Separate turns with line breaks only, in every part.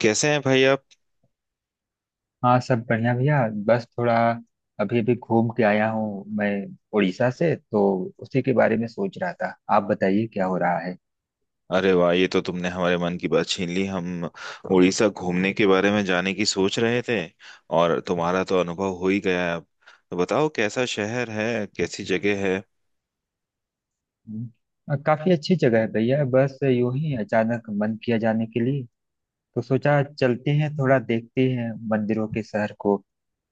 कैसे हैं भाई आप।
हाँ, सब बढ़िया भैया। बस थोड़ा अभी अभी घूम के आया हूँ मैं उड़ीसा से। तो उसी के बारे में सोच रहा था। आप बताइए क्या हो रहा है।
अरे वाह, ये तो तुमने हमारे मन की बात छीन ली। हम उड़ीसा घूमने के बारे में जाने की सोच रहे थे, और तुम्हारा तो अनुभव हो ही गया है। अब तो बताओ, कैसा शहर है, कैसी जगह है।
हम्म, काफी अच्छी जगह है भैया। बस यूं ही अचानक मन किया जाने के लिए, तो सोचा चलते हैं थोड़ा देखते हैं मंदिरों के शहर को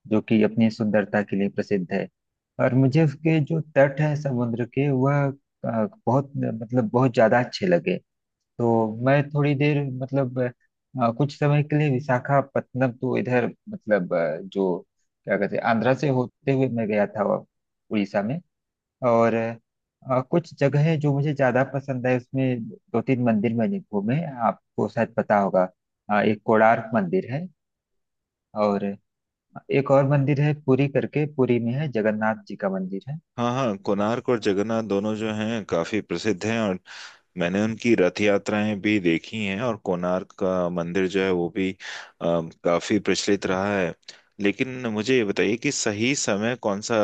जो कि अपनी सुंदरता के लिए प्रसिद्ध है। और मुझे उसके जो तट है समुद्र के, वह बहुत मतलब बहुत ज्यादा अच्छे लगे। तो मैं थोड़ी देर मतलब कुछ समय के लिए विशाखापत्तनम, तो इधर मतलब जो क्या कहते हैं आंध्रा से होते हुए मैं गया था, वह उड़ीसा में। और कुछ जगहें जो मुझे ज्यादा पसंद है उसमें दो तीन मंदिर मैंने घूमे। आपको शायद पता होगा। एक कोणार्क मंदिर है। और एक और मंदिर है पुरी करके, पुरी में है जगन्नाथ जी का मंदिर है।
हाँ हाँ, कोणार्क और जगन्नाथ दोनों जो हैं काफी प्रसिद्ध हैं, और मैंने उनकी रथ यात्राएं भी देखी हैं। और कोणार्क का मंदिर जो है वो भी काफी प्रचलित रहा है। लेकिन मुझे ये बताइए कि सही समय कौन सा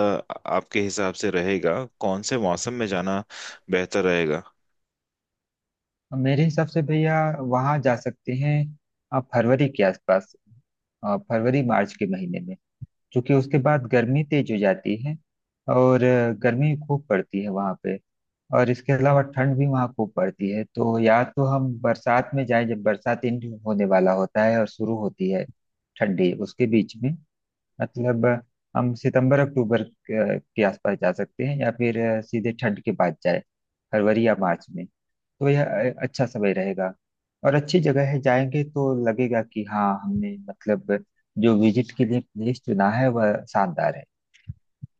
आपके हिसाब से रहेगा, कौन से मौसम में जाना बेहतर रहेगा।
मेरे हिसाब से भैया वहाँ जा सकते हैं आप फरवरी के आसपास, फरवरी मार्च के महीने में। क्योंकि उसके बाद गर्मी तेज हो जाती है। और गर्मी खूब पड़ती है वहाँ पे। और इसके अलावा ठंड भी वहाँ खूब पड़ती है, तो या तो हम बरसात में जाएं जब बरसात एंड होने वाला होता है और शुरू होती है ठंडी उसके बीच में, मतलब हम सितंबर अक्टूबर के आसपास जा सकते हैं, या फिर सीधे ठंड के बाद जाए फरवरी या मार्च में। तो यह अच्छा समय रहेगा। और अच्छी जगह है, जाएंगे तो लगेगा कि हाँ हमने मतलब जो विजिट के लिए प्लेस चुना है वह शानदार है।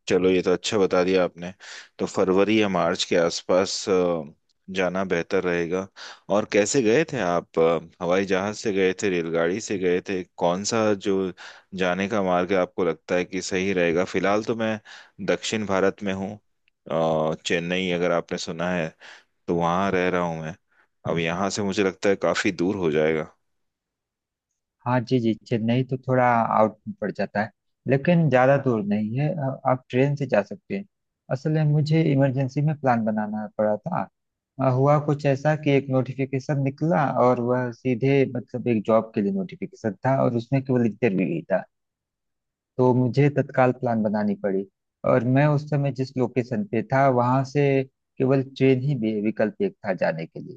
चलो, ये तो अच्छा बता दिया आपने। तो फरवरी या मार्च के आसपास जाना बेहतर रहेगा। और कैसे गए थे आप, हवाई जहाज से गए थे, रेलगाड़ी से गए थे, कौन सा जो जाने का मार्ग आपको लगता है कि सही रहेगा। फिलहाल तो मैं दक्षिण भारत में हूँ। चेन्नई अगर आपने सुना है, तो वहाँ रह रहा हूँ मैं। अब यहाँ से मुझे लगता है काफी दूर हो जाएगा।
हाँ जी जी, चेन्नई तो थोड़ा आउट पड़ जाता है। लेकिन ज़्यादा दूर नहीं है, आप ट्रेन से जा सकते हैं। असल में मुझे इमरजेंसी में प्लान बनाना पड़ा था। हुआ कुछ ऐसा कि एक नोटिफिकेशन निकला और वह सीधे मतलब एक जॉब के लिए नोटिफिकेशन था, और उसमें केवल इंटरव्यू ही था। तो मुझे तत्काल प्लान बनानी पड़ी। और मैं उस समय जिस लोकेशन पे था वहां से केवल ट्रेन ही विकल्प एक था जाने के लिए।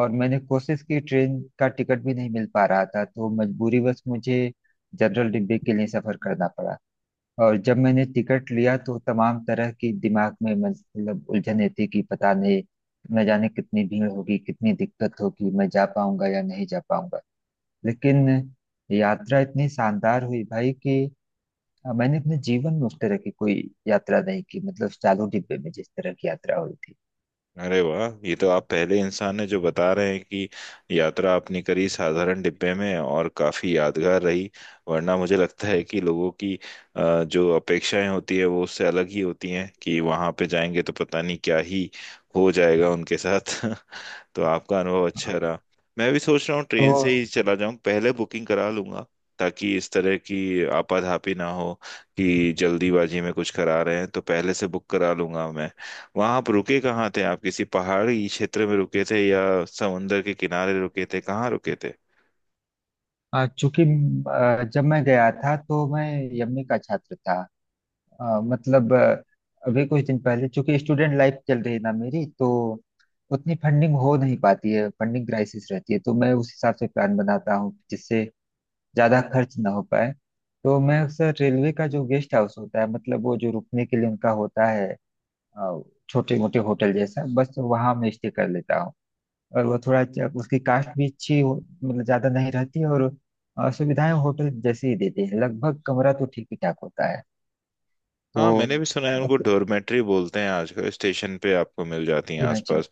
और मैंने कोशिश की, ट्रेन का टिकट भी नहीं मिल पा रहा था, तो मजबूरीवश मुझे जनरल डिब्बे के लिए सफर करना पड़ा। और जब मैंने टिकट लिया तो तमाम तरह की दिमाग में मतलब उलझने थी कि पता नहीं, न जाने कितनी भीड़ होगी, कितनी दिक्कत होगी, मैं जा पाऊंगा या नहीं जा पाऊंगा। लेकिन यात्रा इतनी शानदार हुई भाई कि हाँ, मैंने अपने जीवन में उस तरह की कोई यात्रा नहीं की, मतलब चालू डिब्बे में जिस तरह की यात्रा हुई थी।
अरे वाह, ये तो आप पहले इंसान हैं जो बता रहे हैं कि यात्रा आपने करी साधारण डिब्बे में और काफी यादगार रही। वरना मुझे लगता है कि लोगों की जो अपेक्षाएं होती है वो उससे अलग ही होती हैं, कि वहां पे जाएंगे तो पता नहीं क्या ही हो जाएगा उनके साथ। तो आपका अनुभव
हाँ,
अच्छा रहा। मैं भी सोच रहा हूँ ट्रेन से ही
तो
चला जाऊँ, पहले बुकिंग करा लूंगा, ताकि इस तरह की आपाधापी ना हो, कि जल्दीबाजी में कुछ करा रहे हैं। तो पहले से बुक करा लूंगा मैं। वहां आप रुके कहाँ थे, आप किसी पहाड़ी क्षेत्र में रुके थे या समुंदर के किनारे रुके थे, कहाँ रुके थे।
चूंकि जब मैं गया था तो मैं यमए का छात्र था। मतलब अभी कुछ दिन पहले, चूंकि स्टूडेंट लाइफ चल रही ना मेरी, तो उतनी फंडिंग हो नहीं पाती है, फंडिंग क्राइसिस रहती है, तो मैं उस हिसाब से प्लान बनाता हूँ जिससे ज्यादा खर्च ना हो पाए। तो मैं अक्सर रेलवे का जो गेस्ट हाउस होता है, मतलब वो जो रुकने के लिए उनका होता है, अ, छोटे मोटे होटल जैसा, बस वहां मैं स्टे कर लेता हूँ। और वो थोड़ा उसकी कास्ट भी अच्छी हो, मतलब ज्यादा नहीं रहती, और सुविधाएं होटल जैसे ही देते हैं लगभग, कमरा तो ठीक ही ठाक होता है। तो
हाँ, मैंने भी सुना है, उनको
अप-
डॉर्मेट्री बोलते हैं। आजकल स्टेशन पे आपको मिल जाती हैं
जी हाँ जी।
आसपास।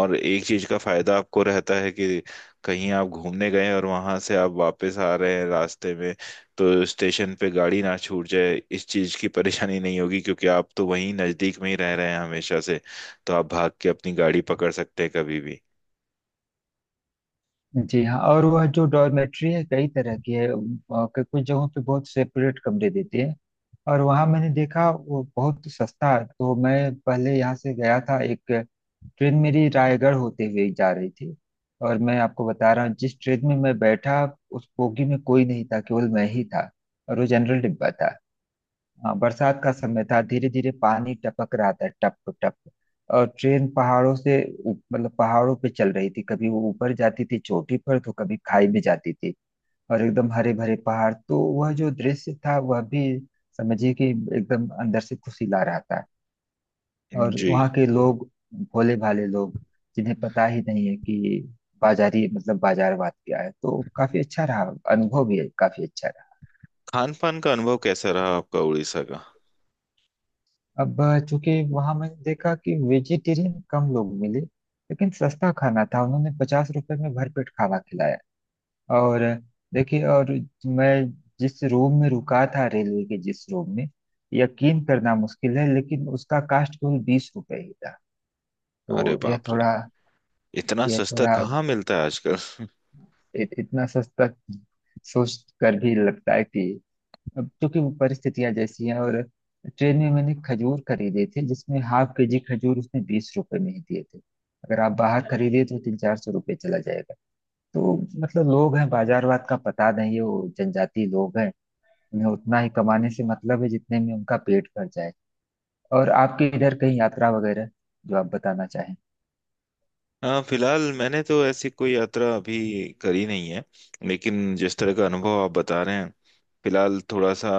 और एक चीज का फायदा आपको रहता है कि कहीं आप घूमने गए और वहां से आप वापस आ रहे हैं रास्ते में, तो स्टेशन पे गाड़ी ना छूट जाए इस चीज की परेशानी नहीं होगी, क्योंकि आप तो वहीं नजदीक में ही रह रहे हैं हमेशा से। तो आप भाग के अपनी गाड़ी पकड़ सकते हैं कभी भी।
जी हाँ। और वह जो डॉर्मेट्री है कई तरह की है। कुछ जगहों पे बहुत सेपरेट कमरे देते हैं। और वहाँ मैंने देखा वो बहुत सस्ता है। तो मैं पहले यहाँ से गया था, एक ट्रेन मेरी रायगढ़ होते हुए जा रही थी, और मैं आपको बता रहा हूँ जिस ट्रेन में मैं बैठा उस बोगी में कोई नहीं था, केवल मैं ही था। और वो जनरल डिब्बा था। हाँ, बरसात का समय था, धीरे धीरे पानी टपक रहा था, टप टप। और ट्रेन पहाड़ों से मतलब पहाड़ों पे चल रही थी, कभी वो ऊपर जाती थी चोटी पर तो कभी खाई में जाती थी। और एकदम हरे भरे पहाड़, तो वह जो दृश्य था वह भी समझिए कि एकदम अंदर से खुशी ला रहा था। और
जी।
वहाँ के लोग, भोले भाले लोग, जिन्हें पता ही नहीं है कि बाजारी मतलब बाजारवाद क्या है, तो काफी अच्छा रहा, अनुभव भी काफी अच्छा रहा।
खान पान का अनुभव कैसा रहा आपका उड़ीसा का।
अब चूंकि वहां मैंने देखा कि वेजिटेरियन कम लोग मिले, लेकिन सस्ता खाना था, उन्होंने 50 रुपए में भरपेट खाना खिलाया। और देखिए, और मैं जिस रूम में रुका था, रेलवे के जिस रूम में, यकीन करना मुश्किल है लेकिन उसका कास्ट केवल 20 रुपए ही था।
अरे
तो यह
बाप रे,
थोड़ा,
इतना
यह
सस्ता
थोड़ा
कहाँ मिलता है।
इतना सस्ता सोच कर भी लगता है कि, अब क्योंकि वो परिस्थितियां जैसी हैं। और ट्रेन में मैंने खजूर खरीदे थे, जिसमें हाफ के जी खजूर उसने 20 रुपए में ही दिए थे। अगर आप बाहर खरीदे तो 300-400 रुपये चला जाएगा। तो मतलब लोग हैं, बाजारवाद का पता नहीं है, वो जनजाति लोग हैं, उन्हें उतना ही कमाने से मतलब है जितने में उनका पेट भर जाए। और आपके इधर कहीं यात्रा वगैरह, जो आप बताना चाहें।
हाँ, फिलहाल मैंने तो ऐसी कोई यात्रा अभी करी नहीं है। लेकिन जिस तरह का अनुभव आप बता रहे हैं, फिलहाल थोड़ा सा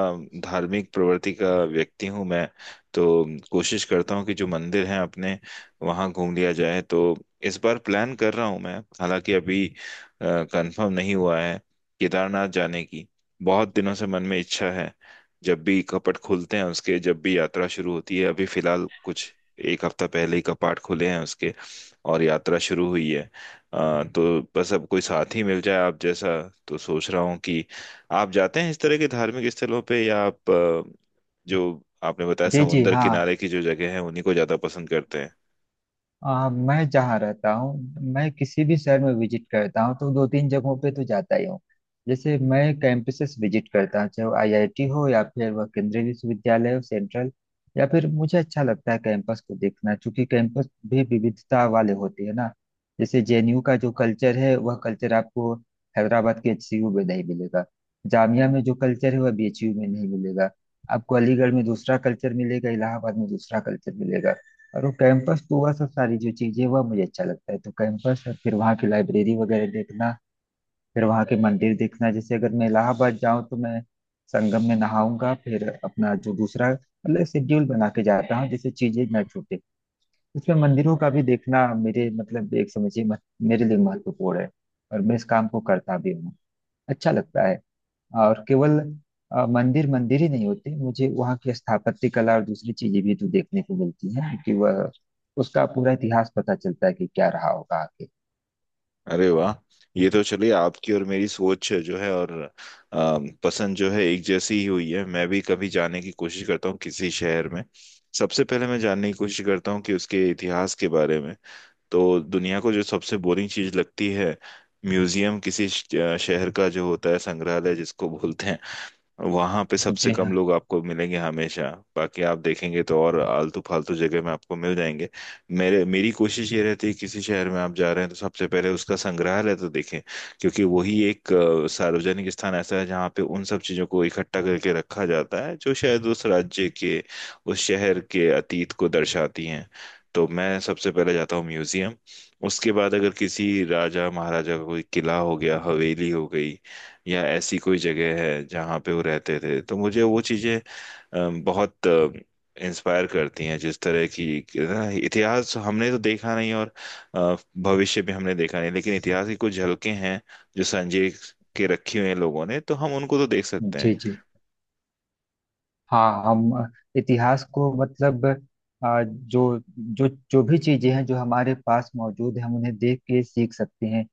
धार्मिक प्रवृत्ति का व्यक्ति हूँ मैं। तो कोशिश करता हूँ कि जो मंदिर हैं अपने, वहाँ घूम लिया जाए। तो इस बार प्लान कर रहा हूँ मैं, हालांकि अभी कंफर्म नहीं हुआ है, केदारनाथ जाने की बहुत दिनों से मन में इच्छा है। जब भी कपट खुलते हैं उसके, जब भी यात्रा शुरू होती है, अभी फिलहाल कुछ एक हफ्ता पहले ही कपाट खुले हैं उसके और यात्रा शुरू हुई है। तो बस अब कोई साथी मिल जाए आप जैसा। तो सोच रहा हूँ कि आप जाते हैं इस तरह के धार्मिक स्थलों पे, या आप जो आपने बताया
जी जी
समुन्दर
हाँ।
किनारे की जो जगह है उन्हीं को ज्यादा पसंद करते हैं।
मैं जहाँ रहता हूँ, मैं किसी भी शहर में विजिट करता हूँ तो दो तीन जगहों पे तो जाता ही हूँ। जैसे मैं कैंपसेस विजिट करता हूँ, चाहे आईआईटी हो या फिर वह केंद्रीय विश्वविद्यालय हो सेंट्रल। या फिर मुझे अच्छा लगता है कैंपस को देखना, क्योंकि कैंपस भी विविधता वाले होते हैं ना। जैसे जेएनयू का जो कल्चर है, वह कल्चर आपको हैदराबाद के एचसीयू में नहीं मिलेगा। जामिया में जो कल्चर है वह बीएचयू में नहीं मिलेगा। आपको अलीगढ़ में दूसरा कल्चर मिलेगा, इलाहाबाद में दूसरा कल्चर मिलेगा। और वो कैंपस पूरा, सब सारी जो चीजें, वह मुझे अच्छा लगता है। तो कैंपस है, फिर वहाँ की लाइब्रेरी वगैरह देखना, फिर वहाँ के मंदिर देखना। जैसे अगर मैं इलाहाबाद जाऊँ तो मैं संगम में नहाऊंगा, फिर अपना जो दूसरा मतलब शेड्यूल बना के जाता हूँ जिससे चीजें ना छूटे। उसमें मंदिरों का भी देखना मेरे मतलब एक समझिए मेरे लिए महत्वपूर्ण है। और मैं इस काम को करता भी हूँ, अच्छा लगता है। और केवल मंदिर मंदिर ही नहीं होते, मुझे वहाँ की स्थापत्य कला और दूसरी चीजें भी तो देखने को मिलती है कि वह उसका पूरा इतिहास पता चलता है कि क्या रहा होगा आगे।
अरे वाह, ये तो चलिए आपकी और मेरी सोच जो है और पसंद जो है, एक जैसी ही हुई है। मैं भी कभी जाने की कोशिश करता हूँ किसी शहर में, सबसे पहले मैं जानने की कोशिश करता हूँ कि उसके इतिहास के बारे में। तो दुनिया को जो सबसे बोरिंग चीज लगती है, म्यूजियम, किसी शहर का जो होता है संग्रहालय जिसको बोलते हैं, वहां पे सबसे
जी
कम
हाँ
लोग आपको मिलेंगे हमेशा। बाकी आप देखेंगे तो और आलतू फालतू जगह में आपको मिल जाएंगे। मेरे मेरी कोशिश ये रहती है किसी शहर में आप जा रहे हैं तो सबसे पहले उसका संग्रहालय तो देखें, क्योंकि वही एक सार्वजनिक स्थान ऐसा है जहाँ पे उन सब चीजों को इकट्ठा करके रखा जाता है जो शायद उस राज्य के, उस शहर के अतीत को दर्शाती हैं। तो मैं सबसे पहले जाता हूँ म्यूजियम। उसके बाद अगर किसी राजा महाराजा का कोई किला हो गया, हवेली हो गई, या ऐसी कोई जगह है जहाँ पे वो रहते थे, तो मुझे वो चीजें बहुत इंस्पायर करती हैं। जिस तरह की कि ना, इतिहास हमने तो देखा नहीं, और अ, भविष्य भी हमने देखा नहीं, लेकिन इतिहास की कुछ झलकें हैं जो संजय के रखी हुई हैं लोगों ने, तो हम उनको तो देख सकते हैं।
जी। जी हाँ। हम इतिहास को मतलब जो जो जो भी चीजें हैं जो हमारे पास मौजूद है, हम उन्हें देख के सीख सकते हैं।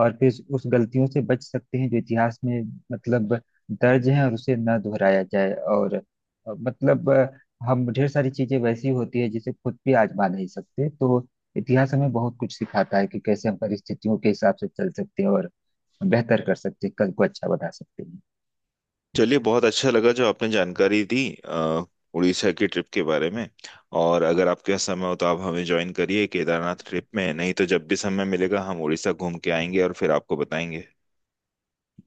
और फिर उस गलतियों से बच सकते हैं जो इतिहास में मतलब दर्ज हैं, और उसे न दोहराया जाए। और मतलब हम ढेर सारी चीजें वैसी होती है जिसे खुद भी आजमा नहीं सकते, तो इतिहास हमें बहुत कुछ सिखाता है कि कैसे हम परिस्थितियों के हिसाब से चल सकते हैं, और बेहतर कर सकते हैं, कल को अच्छा बना सकते हैं।
चलिए, बहुत अच्छा लगा जो आपने जानकारी दी अ, उड़ीसा की ट्रिप के बारे में। और अगर आपके पास समय हो तो आप हमें ज्वाइन करिए केदारनाथ ट्रिप में, नहीं तो जब भी समय मिलेगा हम उड़ीसा घूम के आएंगे और फिर आपको बताएंगे।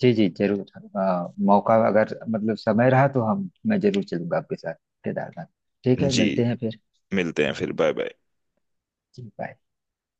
जी जी जरूर। मौका अगर मतलब समय रहा तो हम मैं जरूर चलूंगा आपके साथ केदारनाथ। ठीक है,
जी,
मिलते हैं फिर।
मिलते हैं फिर। Bye bye.
जी, बाय।